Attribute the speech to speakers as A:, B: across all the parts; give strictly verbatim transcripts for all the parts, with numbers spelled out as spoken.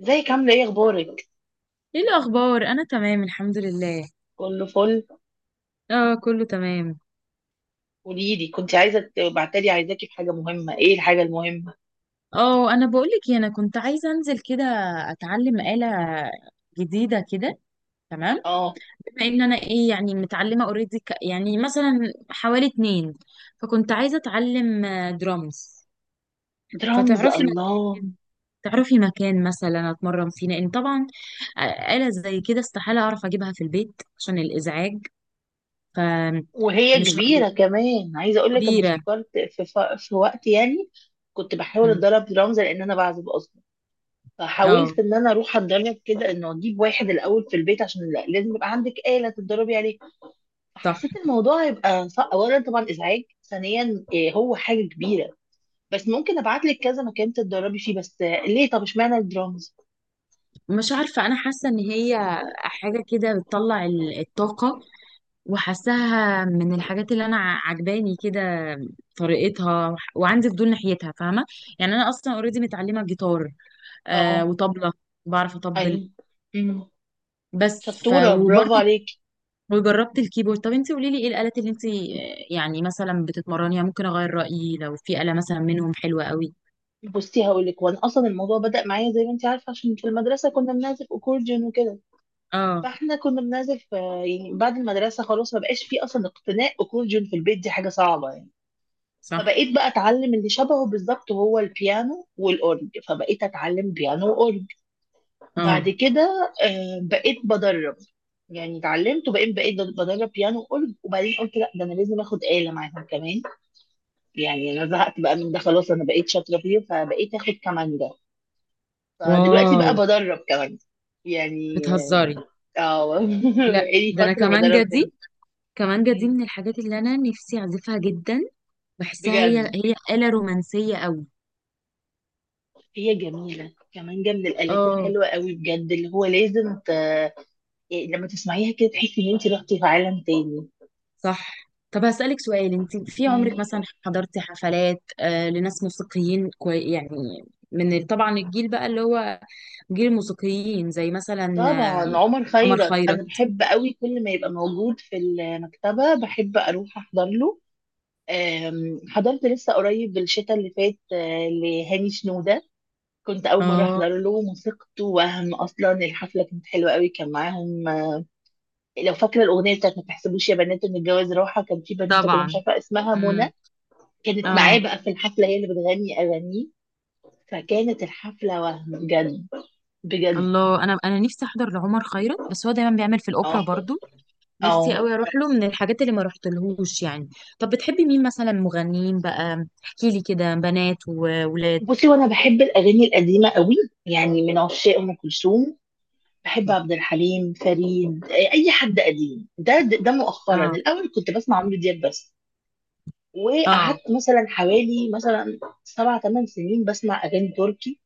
A: ازيك عاملة ايه اخبارك؟
B: ايه الاخبار؟ انا تمام الحمد لله.
A: كله فل.
B: اه كله تمام.
A: قوليلي، كنت عايزة تبعتلي، عايزاكي في حاجة مهمة. ايه الحاجة المهمة؟
B: اه، انا بقولك إيه، انا كنت عايزه انزل كده، اتعلم آلة جديده كده. تمام.
A: اه،
B: بما ان انا ايه يعني متعلمه اوريدي ك... يعني مثلا حوالي اتنين، فكنت عايزه اتعلم درامز.
A: درامز.
B: فتعرفي
A: الله.
B: مكان تعرفي مكان مثلا اتمرن فيه، لان طبعا آه، آلة زي كده استحاله اعرف اجيبها في البيت عشان الازعاج.
A: وهي
B: فمش ه-
A: كبيرة كمان. عايزة اقولك انا
B: كبيره.
A: فكرت في, ف... في وقت يعني كنت بحاول
B: مم.
A: اتدرب درامز لان انا بعزف اصلا.
B: اه.
A: فحاولت ان انا اروح اتدرب كده انه اجيب واحد الاول في البيت عشان لا- لازم يبقى عندك آلة تتدربي عليها.
B: صح.
A: فحسيت الموضوع هيبقى صعب. اولا طبعا ازعاج، ثانيا إيه هو حاجة كبيرة. بس ممكن ابعت لك كذا مكان تتدربي فيه. بس ليه؟ طب اشمعنى الدرامز؟
B: مش عارفة، أنا حاسة إن هي حاجة كده بتطلع ال- الطاقة، وحاساها من الحاجات اللي أنا ع- عجباني كده طريقتها، وعندي فضول ناحيتها، فاهمة؟ يعني أنا أصلا أوريدي متعلمة جيتار آه
A: اه.
B: وطبلة، بعرف أطبل.
A: ايوه. امم
B: بس ف
A: شطوره، برافو
B: وبرضه
A: عليك.
B: جربت الكيبورد. طب انتي قولي لي، ايه الآلات اللي انتي آه، يعني مثلا بتتمرنيها؟ ممكن أغير رأيي لو في آلة مثلا منهم حلوة قوي.
A: بصي، هقول لك. وانا اصلا الموضوع بدا معايا زي ما انت عارفه عشان في المدرسه كنا بنعزف اكورديون وكده.
B: اه
A: فاحنا كنا بنعزف. آه، يعني بعد المدرسه خلاص ما بقاش في اصلا اقتناء اكورديون في البيت، دي حاجه صعبه يعني.
B: صح.
A: فبقيت بقى اتعلم اللي شبهه بالظبط، هو البيانو والاورج. فبقيت اتعلم بيانو واورج.
B: اه.
A: بعد كده آه، بقيت بدرب. يعني اتعلمت وبقيت بقيت بدرب بيانو وأورج، وبعدين قلت لا، ده انا لازم اخد آلة معاهم كمان. يعني انا زهقت بقى من ده خلاص، انا بقيت شاطرة فيه، فبقيت اخد كمانجة. فدلوقتي
B: واو،
A: بقى بدرب كمان يعني.
B: بتهزري.
A: اه.
B: لا،
A: بقالي
B: ده انا
A: فترة
B: كمان
A: بدرب كمان.
B: جدي، كمانجا دي من الحاجات اللي انا نفسي اعزفها جدا، بحسها هي
A: بجد.
B: هي آلة رومانسية قوي.
A: هي جميلة، كمانجة من الآلات
B: اه
A: الحلوة قوي بجد، اللي هو لازم ت... يعني لما تسمعيها كده تحسي ان انت رحتي في عالم
B: صح. طب هسألك سؤال، انت في عمرك
A: تاني.
B: مثلا حضرتي حفلات آه لناس موسيقيين كوي يعني، من ال- طبعا الجيل بقى اللي هو جيل الموسيقيين، زي مثلا
A: طبعا،
B: آه،
A: عمر
B: عمر
A: خيرت انا
B: خيرت.
A: بحب قوي. كل ما يبقى موجود في المكتبه بحب اروح احضر له. أم، حضرت لسه قريب الشتاء اللي فات، آه، لهاني شنوده. كنت اول مره
B: اه
A: احضر له موسيقته، وهم اصلا الحفله كانت حلوه قوي، كان معاهم آه، لو فاكره الاغنيه بتاعت ما تحسبوش يا بنات ان الجواز راحه، كان في بنوته كده مش
B: طبعا.
A: عارفه اسمها منى.
B: امم
A: كانت معاه
B: اه.
A: بقى في الحفله، هي اللي بتغني اغانيه. فكانت الحفله وهم بجد. بجد.
B: الله، انا انا نفسي احضر لعمر خيرت، بس هو دايما بيعمل في الاوبرا
A: اه،
B: برضو. نفسي
A: اه.
B: قوي اروح له، من الحاجات اللي ما رحتلهوش يعني. طب بتحبي مين مثلا؟ مغنيين بقى احكي لي كده، بنات وولاد.
A: بصي، وانا بحب الاغاني القديمه قوي. يعني من عشاق ام كلثوم. بحب عبد الحليم، فريد، اي حد قديم. ده ده ده مؤخرا،
B: اه
A: الاول كنت بسمع عمرو دياب بس.
B: اه.
A: وقعدت مثلا حوالي مثلا سبع ثمان سنين بسمع اغاني تركي،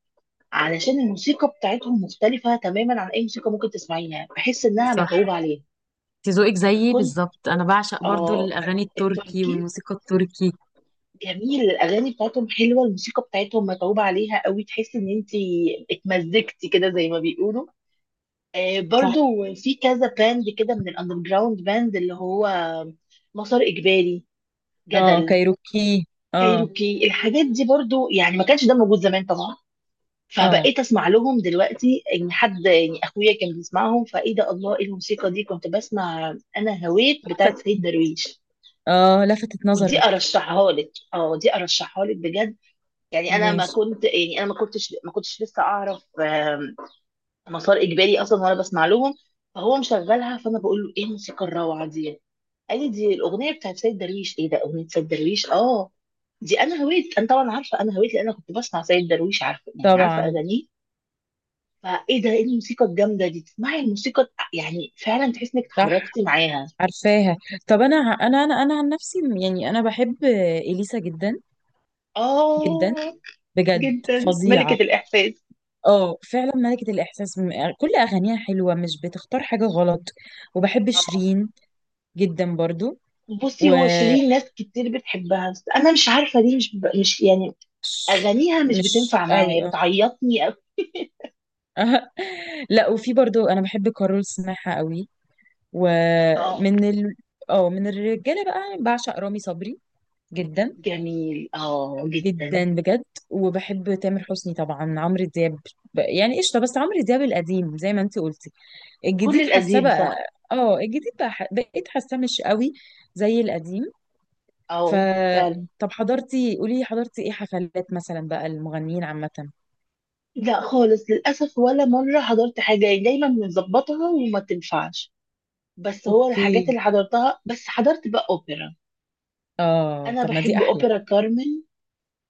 A: علشان الموسيقى بتاعتهم مختلفه تماما عن اي موسيقى ممكن تسمعيها، بحس انها
B: صح،
A: متعوب عليها.
B: انت ذوقك زيي
A: فكنت.
B: بالظبط، انا بعشق برضو
A: اه،
B: الاغاني التركي
A: التركي
B: والموسيقى التركي.
A: جميل. الاغاني بتاعتهم حلوه، الموسيقى بتاعتهم متعوب عليها قوي، تحس ان انت اتمزجتي كده زي ما بيقولوا. آه،
B: صح.
A: برضو في كذا باند كده من الاندر جراوند باند، اللي هو مسار اجباري،
B: اه
A: جدل،
B: كايروكي. اه.
A: كايروكي. الحاجات دي برضو، يعني ما كانش ده موجود زمان طبعا.
B: اه
A: فبقيت اسمع لهم دلوقتي. ان حد يعني اخويا كان بيسمعهم، فايه ده، الله، ايه الموسيقى دي. كنت بسمع انا هويت
B: لفت.
A: بتاعت سيد درويش.
B: اه لفتت
A: ودي
B: نظرك.
A: ارشحها لك. اه، دي ارشحها لك بجد. يعني انا ما
B: ماشي.
A: كنت، يعني انا ما كنتش ما كنتش لسه اعرف مسار اجباري اصلا وانا بسمع لهم. فهو مشغلها، فانا بقول له: ايه الموسيقى الروعه دي؟ قال لي دي الاغنيه بتاعت سيد درويش. ايه ده، اغنيه سيد درويش؟ اه. دي انا هويت، انا طبعا عارفه، انا هويت لان انا كنت بسمع سيد درويش، عارفه يعني، عارفه
B: طبعا.
A: اغانيه. فايه ده، ايه الموسيقى الجامده دي. تسمعي الموسيقى يعني فعلا تحس انك
B: صح.
A: اتحركتي معاها.
B: عارفاها. طب انا انا انا انا عن نفسي يعني انا بحب اليسا جدا.
A: اه،
B: جدا. بجد.
A: جدا ملكه
B: فظيعة.
A: الاحساس.
B: اه فعلا ملكة الإحساس، م- يعني كل أغانيها حلوة، مش بتختار حاجة غلط. وبحب
A: اه،
B: شيرين جدا برضو.
A: بصي،
B: و
A: هو شيرين ناس كتير بتحبها بس انا مش عارفه ليه. مش مش يعني
B: ش-
A: اغانيها مش
B: مش
A: بتنفع
B: قوي
A: معايا،
B: اه.
A: بتعيطني أوي.
B: لا، وفي برضو أنا بحب كارول سماحة قوي.
A: اه،
B: ومن ال... اه، من الرجالة بقى بعشق رامي صبري جدا.
A: جميل. اه، جدا.
B: جدا بجد. وبحب تامر حسني طبعا، عمرو دياب ب- يعني قشطة، بس عمرو دياب القديم زي ما انت قلتي.
A: كل
B: الجديد حاساه
A: القديم،
B: بقى.
A: صح.
B: اه الجديد بقى ح- بقيت حاساه مش قوي زي القديم. ف
A: اه، فعلا.
B: طب حضرتي قولي لي، حضرتي ايه حفلات مثلا بقى المغنيين عامة؟
A: لا خالص، للأسف ولا مرة حضرت حاجة يعني، دايما بنظبطها وما تنفعش. بس هو الحاجات
B: اوكي.
A: اللي حضرتها، بس حضرت بقى أوبرا.
B: اه
A: أنا
B: طب ما دي
A: بحب
B: احلى.
A: أوبرا كارمن.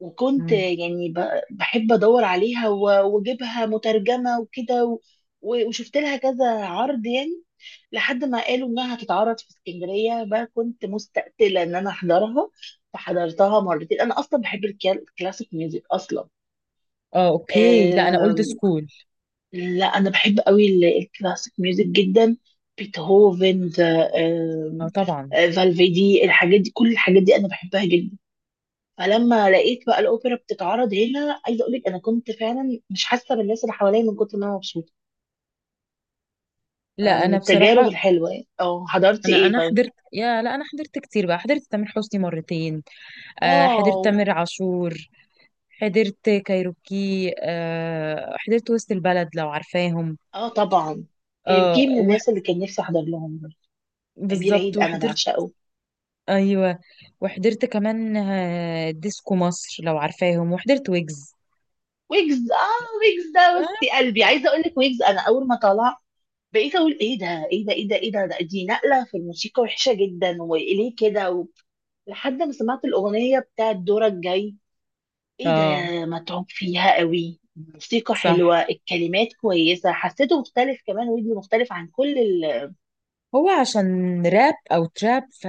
A: وكنت
B: مم.
A: يعني ب- بحب أدور عليها و- وأجيبها مترجمة وكده و- و- وشفت لها كذا عرض يعني. لحد ما قالوا انها هتتعرض في اسكندريه بقى، كنت مستقتله ان انا احضرها. فحضرتها مرتين. انا اصلا بحب الكلا- الكلاسيك ميوزك اصلا.
B: اه اوكي، لا انا اولد
A: آم،
B: سكول.
A: لا انا بحب قوي ال- الكلاسيك ميوزك جدا. بيتهوفن ذا-
B: اه
A: آم،
B: طبعا.
A: آه، فالفيدي الحاجات دي، كل الحاجات دي انا بحبها جدا. فلما لقيت بقى الاوبرا بتتعرض هنا، عايزه اقول لك انا كنت فعلا مش حاسه بالناس اللي حواليا من كتر ما انا مبسوطه. آه،
B: لا
A: من
B: انا
A: التجارب
B: بصراحة،
A: الحلوه يعني. اه، حضرتي
B: انا
A: ايه
B: انا
A: طيب؟
B: حضرت يا لا انا حضرت كتير بقى، حضرت تامر حسني مرتين. آه حضرت
A: واو.
B: تامر عاشور. حضرت كايروكي. آه حضرت وسط البلد لو عارفاهم.
A: اه، طبعا.
B: اه
A: كي من
B: وح...
A: الناس اللي كان نفسي احضر لهم. امير
B: بالظبط،
A: عيد انا
B: وحضرت.
A: بعشقه.
B: ايوه. وحضرت كمان آه، ديسكو مصر لو عارفاهم، وحضرت ويجز.
A: ويجز. اه، ويجز ده وسط قلبي، عايزه اقول لك ويجز انا اول ما طلع بقيت اقول: ايه ده، ايه ده، ايه ده، ايه ده، ده دي نقله في الموسيقى وحشه جدا، وليه كده و... لحد ما سمعت الاغنيه بتاعت دورك جاي، ايه ده.
B: اه.
A: متعوب فيها قوي، الموسيقى
B: صح.
A: حلوه، الكلمات كويسه، حسيته مختلف، كمان ويجز مختلف عن كل ال...
B: هو عشان راب او تراب ف...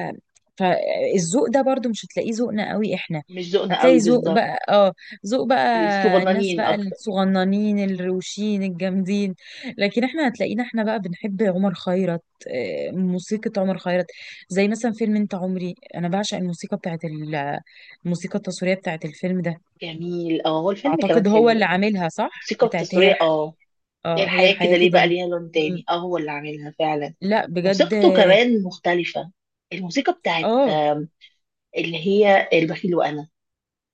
B: فالذوق ده برضو مش هتلاقيه ذوقنا قوي احنا.
A: مش ذوقنا
B: هتلاقي
A: قوي
B: ذوق
A: بالظبط.
B: بقى، اه ذوق بقى الناس
A: الصغنانين
B: بقى
A: اكتر.
B: الصغننين الروشين الجامدين. لكن احنا هتلاقينا احنا بقى بنحب عمر خيرت، آه، موسيقى عمر خيرت، زي مثلا فيلم انت عمري، انا بعشق الموسيقى بتاعت ال- الموسيقى التصويرية بتاعت الفيلم ده.
A: جميل. اه، هو الفيلم كمان
B: اعتقد هو
A: حلو
B: اللي
A: يعني.
B: عاملها صح.
A: الموسيقى
B: بتاعت هي
A: التصويرية،
B: الح...
A: اه. هي
B: اه هي
A: الحياة
B: الحياة
A: كده ليه
B: كده
A: بقى
B: ليه.
A: ليها لون
B: مم.
A: تاني. اه، هو اللي عاملها فعلا.
B: لا بجد.
A: موسيقته كمان مختلفة. الموسيقى بتاعت
B: اه
A: آم، اللي هي البخيل وأنا،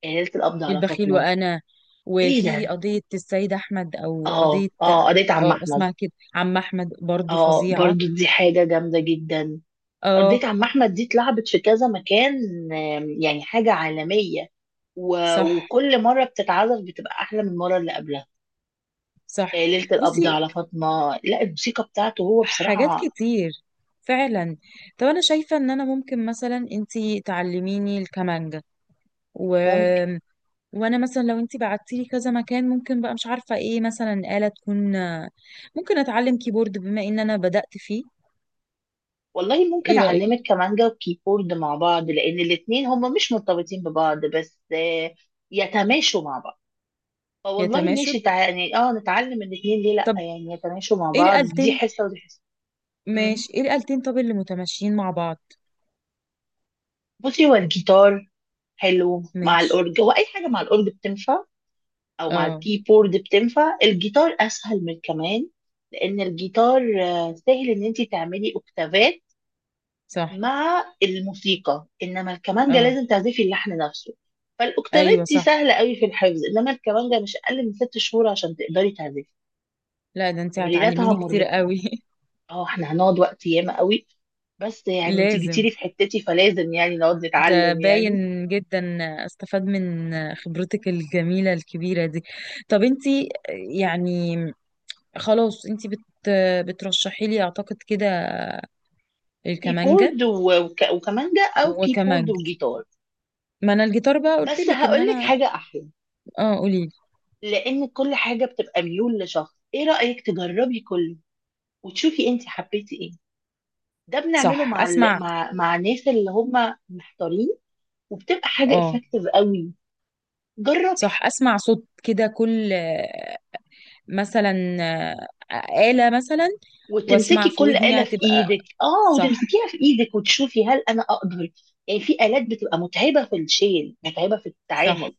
A: ليلة القبض على
B: البخيل
A: فاطمة.
B: وانا،
A: ايه
B: وفي
A: ده.
B: قضية السيد أحمد أو
A: اه،
B: قضية،
A: اه، قضية عم
B: أو
A: أحمد.
B: اسمها كده عم أحمد، برضو
A: اه،
B: فظيعة.
A: برضو دي حاجة جامدة جدا.
B: اه
A: قضية عم أحمد دي اتلعبت في كذا مكان، آم، يعني حاجة عالمية. و...
B: صح
A: وكل مرة بتتعزف بتبقى أحلى من المرة اللي قبلها. آه،
B: صح.
A: ليلة القبض
B: بصي،
A: على فاطمة، لا الموسيقى بتاعته هو
B: حاجات
A: بصراحة.
B: كتير فعلا. طب أنا شايفة إن أنا ممكن مثلا أنتي تعلميني الكمانجة، و... وأنا مثلا لو أنتي بعتيلي كذا مكان، ممكن بقى مش عارفة إيه، مثلا آلة تكون ممكن أتعلم كيبورد بما إن أنا بدأت فيه.
A: والله ممكن
B: إيه رأيك؟
A: أعلمك كمانجا وكيبورد مع بعض، لأن الاتنين هما مش مرتبطين ببعض بس آه، يتماشوا مع بعض. فوالله
B: يتماشى.
A: ماشي تع... يعني اه نتعلم الاتنين ليه لأ
B: طب
A: يعني. يتماشوا مع
B: إيه
A: بعض، دي
B: الآلتين؟
A: حصة ودي حصة. مم.
B: ماشي، ايه الآلتين طب اللي متماشيين مع بعض؟
A: بصي، هو الجيتار حلو مع
B: ماشي.
A: الأورج، هو أي حاجة مع الأورج بتنفع، أو مع
B: اه
A: الكيبورد بتنفع. الجيتار أسهل من كمان، لأن الجيتار آه، سهل إن أنت تعملي أوكتافات
B: صح.
A: مع الموسيقى. انما الكمانجة
B: اه.
A: لازم تعزفي اللحن نفسه. فالاوكتافات
B: ايوه
A: دي
B: صح.
A: سهلة قوي في الحفظ، انما الكمانجة مش اقل من ست شهور عشان تقدري تعزفي.
B: لا ده انت
A: تمريناتها
B: هتعلميني كتير
A: مرهقة.
B: قوي.
A: اه، احنا هنقعد وقت ياما قوي. بس يعني انت
B: لازم،
A: جيتيلي في حتتي، فلازم يعني نقعد
B: ده
A: نتعلم يعني.
B: باين جدا، استفاد من خبرتك الجميلة الكبيرة دي. طب انت يعني خلاص، انت بت بترشحي لي اعتقد كده الكمانجا
A: كيبورد و- وك- وكمانجة او كيبورد
B: وكمانجا.
A: وجيتار.
B: ما انا الجيتار بقى قلت
A: بس
B: لك ان
A: هقول لك
B: انا.
A: حاجة احلى.
B: اه قولي.
A: لان كل حاجة بتبقى ميول لشخص، ايه رأيك تجربي كله وتشوفي انت حبيتي ايه. ده بنعمله
B: صح
A: مع ال...
B: اسمع.
A: مع مع الناس اللي هم محتارين، وبتبقى حاجه
B: اه
A: افكتيف قوي. جربي
B: صح اسمع صوت كده كل مثلا آه، آلة مثلا، واسمع
A: وتمسكي
B: في
A: كل آلة
B: ودني
A: في
B: هتبقى.
A: ايدك، اه،
B: صح
A: وتمسكيها في ايدك وتشوفي هل انا اقدر. يعني في آلات بتبقى متعبه في الشيل، متعبه في
B: صح.
A: التعامل،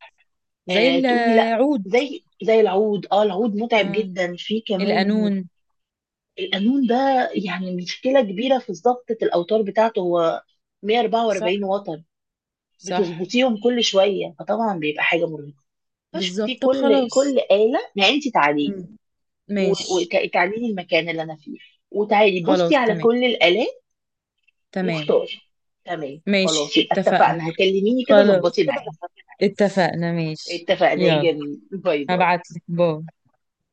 B: زي
A: آه، تقولي لا.
B: العود.
A: زي زي العود. اه، العود متعب
B: آه،
A: جدا. في كمان
B: القانون.
A: القانون ده، يعني مشكله كبيره في ضبطه. الاوتار بتاعته هو
B: صح
A: مية واربعة واربعين وتر،
B: صح
A: بتظبطيهم كل شويه، فطبعا بيبقى حاجه مرهقه. فشوف في
B: بالظبط. طب
A: كل
B: خلاص.
A: كل آلة، ما انت تعالي لي
B: مم. ماشي
A: وتعالي لي المكان اللي انا فيه، وتعالي بصي
B: خلاص.
A: على
B: تمام
A: كل الآلات
B: تمام.
A: واختاري. تمام، خلاص،
B: ماشي
A: يبقى
B: اتفقنا.
A: اتفقنا. هكلميني كده
B: خلاص
A: ظبطي معايا.
B: اتفقنا. ماشي.
A: اتفقنا يا
B: يلا
A: جميل، باي باي.
B: هبعتلك. باي.